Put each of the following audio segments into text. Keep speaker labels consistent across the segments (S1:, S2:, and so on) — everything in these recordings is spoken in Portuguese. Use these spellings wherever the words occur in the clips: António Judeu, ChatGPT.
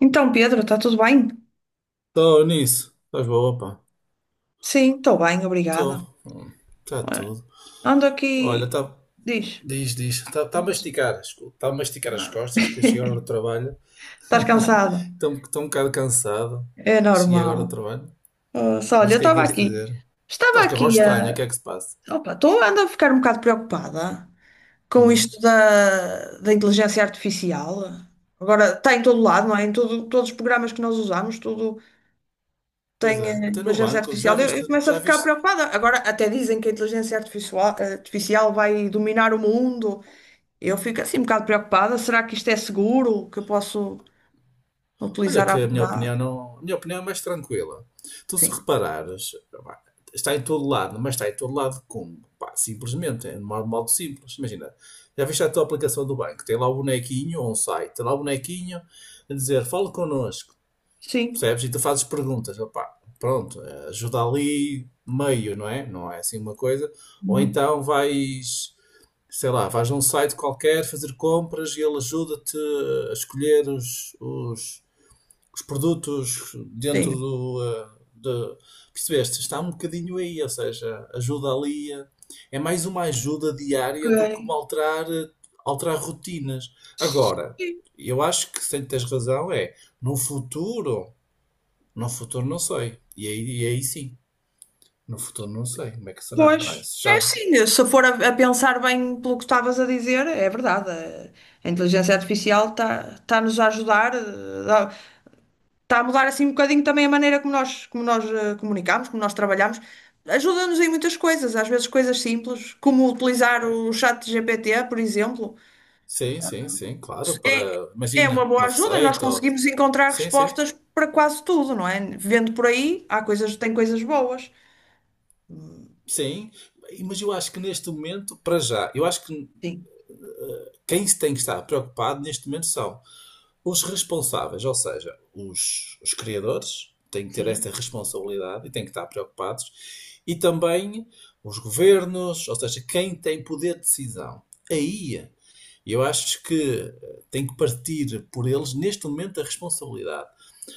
S1: Então, Pedro, está tudo bem?
S2: Estou nisso. Estás boa, pá.
S1: Sim, estou bem, obrigada.
S2: Estou. Está
S1: Ora,
S2: tudo.
S1: ando
S2: Olha,
S1: aqui,
S2: está.
S1: diz.
S2: Diz, diz. Está tá a
S1: Nossa.
S2: masticar. Está a masticar as
S1: Ah,
S2: costas, que cheguei agora do trabalho.
S1: Estás cansado?
S2: Estou um bocado cansado.
S1: É
S2: Cheguei agora do
S1: normal.
S2: trabalho.
S1: Só, olha,
S2: Mas
S1: eu
S2: o que é que
S1: estava
S2: ias
S1: aqui.
S2: dizer?
S1: Estava
S2: Estás com a voz
S1: aqui
S2: estranha, o
S1: a.
S2: que é que se passa?
S1: Opa, estou Ando a ficar um bocado preocupada com
S2: Hum.
S1: isto da inteligência artificial. Agora está em todo lado, não é? Todos os programas que nós usamos, tudo
S2: Pois
S1: tem
S2: é, até no
S1: inteligência
S2: banco. Já
S1: artificial.
S2: viste,
S1: Eu começo a
S2: já
S1: ficar
S2: viste
S1: preocupada. Agora até dizem que a inteligência artificial vai dominar o mundo. Eu fico assim um bocado preocupada. Será que isto é seguro? Que eu posso
S2: olha
S1: utilizar à
S2: que a minha
S1: vontade?
S2: opinião não, a minha opinião é mais tranquila. Tu se
S1: Sim.
S2: reparares, pá, está em todo lado, mas está em todo lado como? Pá, simplesmente, é de modo simples. Imagina, já viste a tua aplicação do banco, tem lá o bonequinho ou um site, tem lá o bonequinho a dizer, fala connosco,
S1: Sim.
S2: percebes? E tu fazes perguntas, opá, pronto, ajuda ali meio, não é? Não é assim uma coisa. Ou
S1: Uhum.
S2: então vais, sei lá, vais a um site qualquer fazer compras e ele ajuda-te a escolher os produtos dentro
S1: Sim.
S2: do. eh, De, percebeste? Está um bocadinho aí, ou seja, ajuda ali. É mais uma ajuda diária do que
S1: Ok.
S2: uma alterar rotinas. Agora,
S1: Sim.
S2: eu acho que se tens razão, é no futuro, no futuro não sei. E aí, sim, no futuro não sei como é que será, não é?
S1: Pois,
S2: Se
S1: é
S2: já.
S1: sim. Se for a pensar bem pelo que estavas a dizer, é verdade. A inteligência artificial está-nos a ajudar, está a mudar assim um bocadinho também a maneira como como nós comunicamos, como nós trabalhamos. Ajuda-nos em muitas coisas, às vezes coisas simples, como utilizar o chat GPT, por exemplo.
S2: Sim, sim, sim, claro, para,
S1: É, é uma
S2: imagina,
S1: boa
S2: uma
S1: ajuda, nós
S2: receita, ou,
S1: conseguimos encontrar
S2: sim, sim,
S1: respostas para quase tudo, não é? Vendo por aí, há coisas, tem coisas boas.
S2: sim, mas eu acho que neste momento, para já, eu acho que
S1: Sim,
S2: quem se tem que estar preocupado neste momento são os responsáveis, ou seja, os criadores têm que ter esta
S1: sim.
S2: responsabilidade e têm que estar preocupados, e também os governos, ou seja, quem tem poder de decisão. Aí eu acho que tem que partir por eles neste momento a responsabilidade.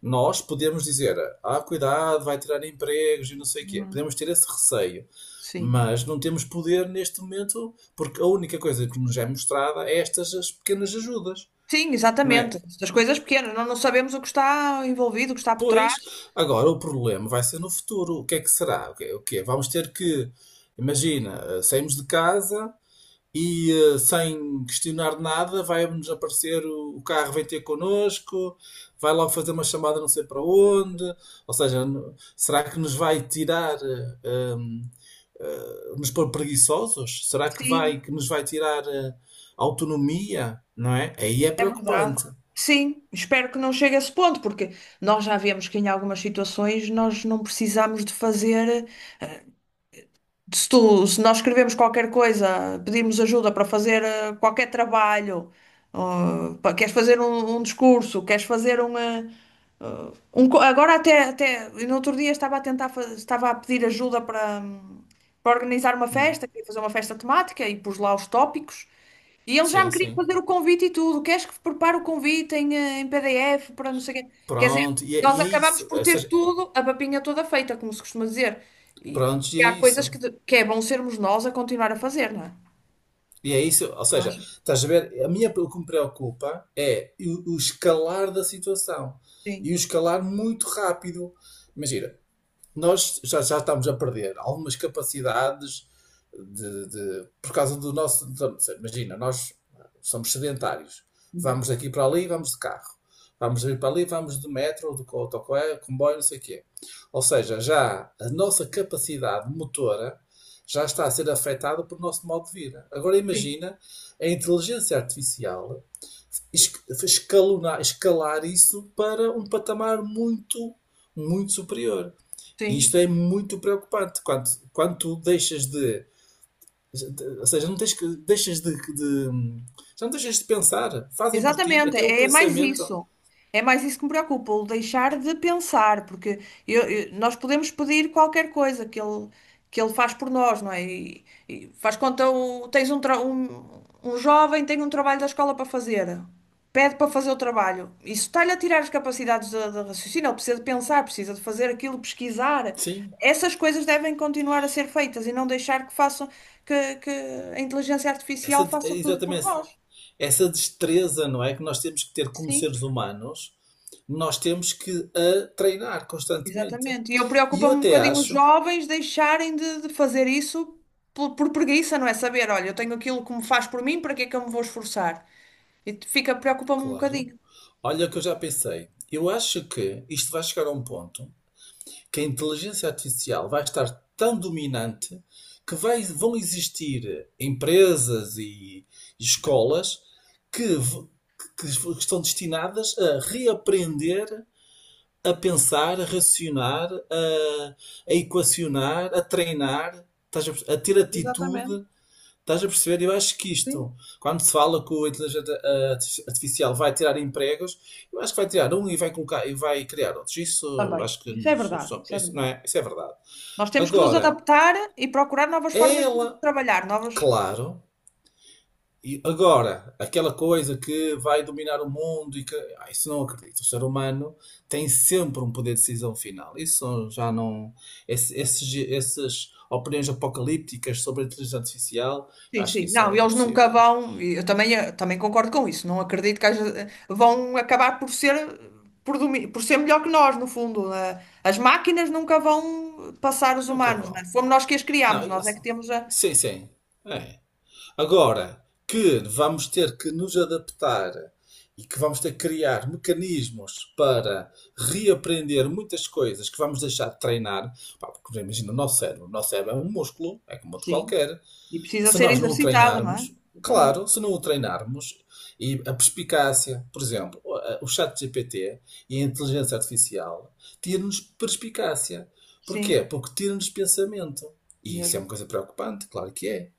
S2: Nós podemos dizer, ah, cuidado, vai tirar empregos e não sei o quê.
S1: Uhum.
S2: Podemos ter esse receio.
S1: Sim.
S2: Mas não temos poder neste momento, porque a única coisa que nos é mostrada é estas as pequenas ajudas,
S1: Sim,
S2: não
S1: exatamente.
S2: é?
S1: Das coisas pequenas, nós não sabemos o que está envolvido, o que está por trás.
S2: Pois, agora o problema vai ser no futuro. O que é que será? O que é? O que é? Vamos ter que, imagina, saímos de casa e sem questionar nada vai-nos aparecer o carro vem ter connosco, vai logo fazer uma chamada não sei para onde. Ou seja, será que nos vai tirar eh, hum, nos pôr preguiçosos? Será que
S1: Sim,
S2: vai que nos vai tirar autonomia? Não é? Aí é
S1: é verdade.
S2: preocupante.
S1: Sim, espero que não chegue a esse ponto, porque nós já vemos que em algumas situações nós não precisamos de fazer. Se nós escrevemos qualquer coisa, pedimos ajuda para fazer qualquer trabalho, queres fazer um discurso, queres fazer um. Agora até no outro dia estava a pedir ajuda para, para organizar uma
S2: Hum,
S1: festa, queria fazer uma festa temática e pus lá os tópicos. E ele já me
S2: Sim,
S1: queria
S2: sim.
S1: fazer o convite e tudo. Queres que prepare o convite em, em PDF para não sei o quê? Quer dizer,
S2: Pronto, e é,
S1: nós
S2: e é
S1: acabamos
S2: isso.
S1: por
S2: Ou
S1: ter
S2: seja,
S1: tudo, a papinha toda feita, como se costuma dizer.
S2: pronto, e
S1: E
S2: é
S1: há coisas
S2: isso.
S1: que, que é bom sermos nós a continuar a fazer, não é?
S2: E é isso, ou seja,
S1: Acho
S2: estás a ver, a minha, o que me preocupa é o escalar da situação.
S1: sim.
S2: E o escalar muito rápido. Imagina, nós já estamos a perder algumas capacidades de- por causa do nosso. Então, imagina, nós somos sedentários.
S1: Uhum.
S2: Vamos daqui para ali, vamos de carro. Vamos vir para ali, vamos de metro, ou de autocarro, comboio, não sei o quê. Ou seja, já a nossa capacidade motora já está a ser afetada pelo nosso modo de vida. Agora
S1: Sim,
S2: imagina a inteligência artificial es- escalonar, escalar isso para um patamar muito, muito superior. E
S1: sim.
S2: isto é muito preocupante quando, quando tu deixas de- ou seja, não tens que, deixas de já não deixas de pensar, fazem por ti,
S1: Exatamente,
S2: até o
S1: é mais
S2: pensamento,
S1: isso. É mais isso que me preocupa, o deixar de pensar, porque nós podemos pedir qualquer coisa que que ele faz por nós, não é? E faz conta, o- tens um, tra- um jovem tem um trabalho da escola para fazer, pede para fazer o trabalho. Isso está-lhe a tirar as capacidades de raciocínio, ele precisa de pensar, precisa de fazer aquilo, pesquisar.
S2: sim,
S1: Essas coisas devem continuar a ser feitas e não deixar que façam, que a inteligência artificial
S2: essa, é
S1: faça tudo
S2: exatamente
S1: por nós.
S2: essa, essa destreza, não é? Que nós temos que ter como
S1: Sim.
S2: seres humanos, nós temos que a treinar constantemente.
S1: Exatamente. E eu
S2: E eu
S1: preocupo-me um
S2: até
S1: bocadinho os
S2: acho,
S1: jovens deixarem de fazer isso por preguiça, não é? Saber, olha, eu tenho aquilo que me faz por mim, para que é que eu me vou esforçar? Fica, preocupa-me um
S2: claro,
S1: bocadinho.
S2: olha o que eu já pensei, eu acho que isto vai chegar a um ponto que a inteligência artificial vai estar tão dominante que vão existir empresas e escolas que, que estão destinadas a reaprender a pensar, a racionar, a equacionar, a treinar, a ter
S1: Exatamente.
S2: atitude. Estás a perceber? Eu acho que
S1: Sim,
S2: isto, quando se fala que o inteligência artificial vai tirar empregos, eu acho que vai tirar um e vai colocar e vai criar outros. Isso
S1: também.
S2: acho que
S1: Isso é verdade, isso é
S2: isso não
S1: verdade.
S2: é, isso é verdade.
S1: Nós temos que nos
S2: Agora,
S1: adaptar e procurar novas
S2: é
S1: formas de
S2: ela,
S1: trabalhar, novas.
S2: claro, e agora, aquela coisa que vai dominar o mundo e que isso não acredito. O ser humano tem sempre um poder de decisão final. Isso já não. Essas opiniões apocalípticas sobre a inteligência artificial, eu
S1: Sim,
S2: acho que
S1: sim.
S2: isso
S1: Não,
S2: é
S1: eles nunca
S2: impossível.
S1: vão, e eu também, também concordo com isso, não acredito que vão acabar por ser, por ser melhor que nós, no fundo. As máquinas nunca vão passar os
S2: Nunca
S1: humanos, não é?
S2: vão.
S1: Fomos nós que as criámos,
S2: Não,
S1: nós é que temos a...
S2: sim, sim. É. Agora que vamos ter que nos adaptar e que vamos ter que criar mecanismos para reaprender muitas coisas que vamos deixar de treinar, pá, porque imagina o nosso cérebro é um músculo, é como outro
S1: Sim,
S2: qualquer.
S1: e precisa
S2: Se
S1: ser
S2: nós não o
S1: exercitada, não é?
S2: treinarmos,
S1: Exatamente.
S2: claro, se não o treinarmos, e a perspicácia, por exemplo, o chat GPT e a inteligência artificial tira-nos perspicácia. Porquê?
S1: Sim,
S2: Porque tira-nos pensamento. E isso é
S1: mesmo.
S2: uma coisa preocupante, claro que é.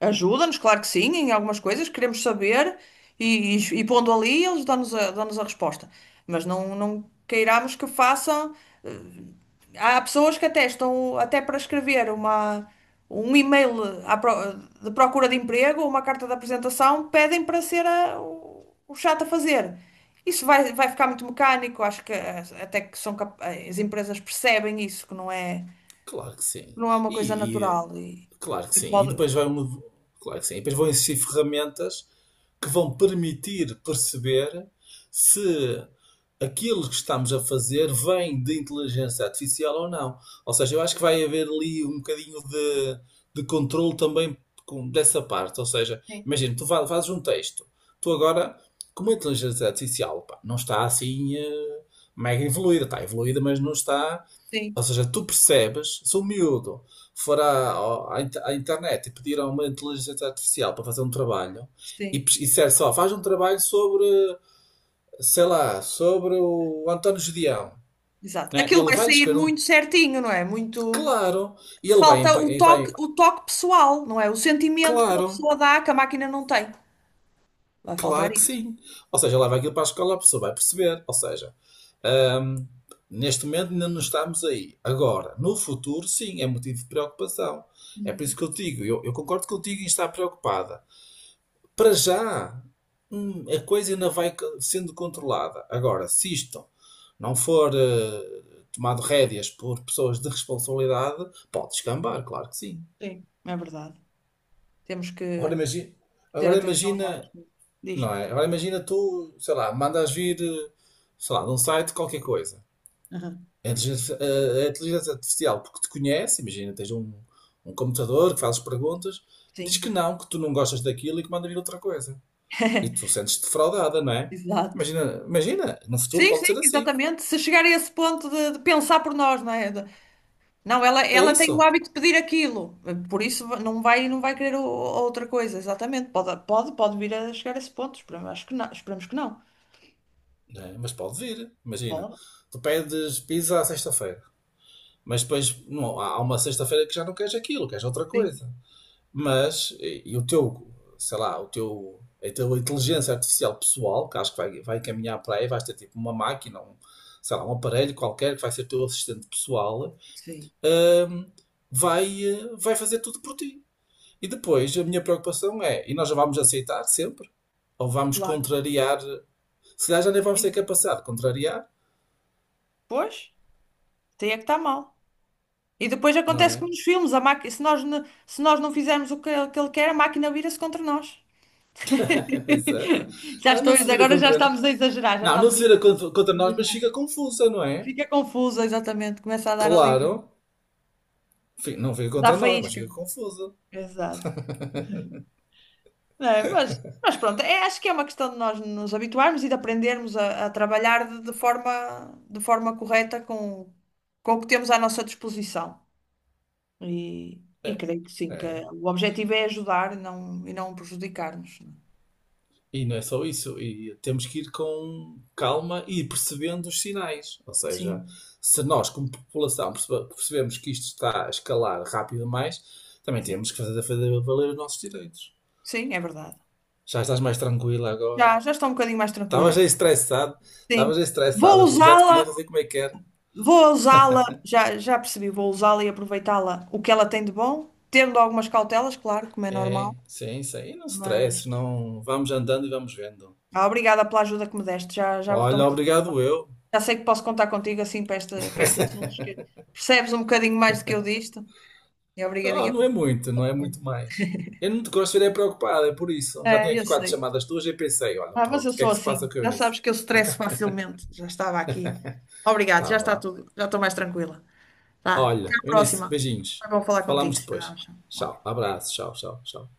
S1: Ajuda-nos, claro que sim, em algumas coisas, queremos saber, e pondo ali, eles dão-nos dão-nos a resposta. Mas não queiramos que façam. eh, Há pessoas que até estão até para escrever um e-mail de procura de emprego ou uma carta de apresentação, pedem para ser o chato a fazer. Isso vai, vai ficar muito mecânico, acho que eh, até que são cap- eh, as empresas percebem isso,
S2: Claro que sim.
S1: que não é uma coisa
S2: E, e-
S1: natural
S2: claro que
S1: e
S2: sim. E
S1: pode.
S2: depois vai um. Claro que sim. E depois vão existir ferramentas que vão permitir perceber se aquilo que estamos a fazer vem de inteligência artificial ou não. Ou seja, eu acho que vai haver ali um bocadinho de controle também dessa parte. Ou seja,
S1: Sim,
S2: imagina, tu fazes um texto, tu agora, como a inteligência artificial, pá, não está assim mega evoluída, está evoluída, mas não está.
S1: sim,
S2: Ou seja, tu percebes, se o miúdo for à internet e pedir a uma inteligência artificial para fazer um trabalho, e,
S1: sim,
S2: pes- e disser só, faz um trabalho sobre, sei lá, sobre o António Judeão,
S1: exato.
S2: né?
S1: Aquilo
S2: Ele
S1: vai
S2: vai lhe
S1: sair
S2: escrever um,
S1: muito certinho, não é? Muito.
S2: claro, e ele vai,
S1: Falta
S2: e vai,
S1: o toque pessoal, não é? O sentimento que uma
S2: claro,
S1: pessoa dá que a máquina não tem. Vai faltar
S2: claro que
S1: isso.
S2: sim. Ou seja, leva aquilo para a escola, a pessoa vai perceber. Ou seja, hum, neste momento ainda não estamos aí. Agora, no futuro, sim, é motivo de preocupação. É por
S1: Uhum.
S2: isso que eu digo, eu concordo contigo em estar preocupada. Para já, a coisa ainda vai sendo controlada. Agora, se isto não for tomado rédeas por pessoas de responsabilidade, pode descambar, claro que sim.
S1: Sim, é verdade. Temos
S2: Agora
S1: que
S2: imagina,
S1: ter
S2: agora
S1: atenção em algumas
S2: imagina,
S1: coisas. Diz.
S2: não é? Agora imagina tu, sei lá, mandas vir, sei lá, de um site qualquer coisa.
S1: Aham.
S2: A inteligência artificial, porque te conhece, imagina, tens um computador que fazes perguntas, diz que
S1: Sim,
S2: não, que tu não gostas daquilo e que manda vir outra coisa. E tu sentes-te defraudada, não é?
S1: exato.
S2: Imagina, imagina, no futuro
S1: Sim, sim,
S2: pode ser assim.
S1: exatamente. Se chegar a esse ponto de pensar por nós, não é? De- Não,
S2: É
S1: ela tem o
S2: isso.
S1: hábito de pedir aquilo, por isso não vai querer outra coisa, exatamente. Pode vir a chegar a esse ponto, esperamos, acho que não, esperamos que não.
S2: Não é? Mas pode vir. Imagina,
S1: Pode,
S2: tu pedes pizza à sexta-feira, mas depois não, há uma sexta-feira que já não queres aquilo, queres outra
S1: sim,
S2: coisa. Mas, e o teu, sei lá, o teu, a tua inteligência artificial pessoal, que acho que vai caminhar para aí, vais ter tipo uma máquina, um, sei lá, um aparelho qualquer que vai ser teu assistente pessoal,
S1: sim,
S2: hum, vai fazer tudo por ti. E depois a minha preocupação é, e nós já vamos aceitar sempre, ou vamos
S1: claro,
S2: contrariar, se calhar já nem vamos ter
S1: sim.
S2: capacidade de contrariar,
S1: Pois, tem é que está mal. E depois
S2: não
S1: acontece
S2: é?
S1: como nos filmes, a máquina, se se nós não fizermos o que ele quer, a máquina vira-se contra nós.
S2: Pois é.
S1: Já
S2: Não,
S1: estou,
S2: não se vira
S1: agora já
S2: contra nós.
S1: estamos a exagerar, já
S2: Não, não
S1: estamos a
S2: se vira contra nós, mas
S1: imaginar.
S2: fica confusa, não é?
S1: Fica confusa, exatamente, começa a dar ali,
S2: Claro, não fica
S1: dá
S2: contra nós, mas
S1: faísca.
S2: fica confusa.
S1: Exato. É, mas pronto, acho que é uma questão de nós nos habituarmos e de aprendermos a trabalhar de forma correta com o que temos à nossa disposição.
S2: É.
S1: E creio que sim, que
S2: É.
S1: o objetivo é ajudar e não prejudicar-nos.
S2: E não é só isso, e temos que ir com calma e ir percebendo os sinais. Ou seja,
S1: Sim,
S2: se nós, como população, percebemos que isto está a escalar rápido demais, também
S1: sim.
S2: temos que fazer valer os nossos direitos.
S1: Sim, é verdade.
S2: Já estás mais tranquila agora?
S1: Já, já estou um bocadinho mais tranquila.
S2: Estavas aí estressado,
S1: Sim.
S2: estavas aí estressada,
S1: Vou
S2: eu já te
S1: usá-la,
S2: conheço, eu sei como é que é.
S1: vou usá-la, já, já percebi, vou usá-la e aproveitá-la o que ela tem de bom, tendo algumas cautelas, claro, como é
S2: É,
S1: normal,
S2: sim, sim, e não se
S1: mas
S2: estresse, não, vamos andando e vamos vendo.
S1: obrigada pela ajuda que me deste. Estou
S2: Olha, obrigado eu.
S1: já sei que posso contar contigo assim para, esta, para estes assuntos que percebes um bocadinho mais do que eu disto. E
S2: Ah,
S1: obrigadinha
S2: não é
S1: pelo
S2: muito,
S1: teu
S2: não é
S1: apoio.
S2: muito mais. Eu não te gosto de ver preocupado, é por isso. Já
S1: É,
S2: tinha
S1: eu
S2: aqui quatro
S1: sei.
S2: chamadas tuas e pensei, olha,
S1: Ah, mas
S2: pronto,
S1: eu
S2: o que é
S1: sou
S2: que se
S1: assim.
S2: passa com a
S1: Já
S2: Eunice?
S1: sabes que eu estresso facilmente. Já estava aqui. Obrigado,
S2: Tá
S1: já está
S2: bem.
S1: tudo. Já estou mais tranquila. Vá, até
S2: Olha,
S1: à
S2: Eunice,
S1: próxima. Foi
S2: beijinhos.
S1: bom falar contigo.
S2: Falamos
S1: Tchau,
S2: depois.
S1: tchau.
S2: Tchau, abraço, tchau, tchau, tchau.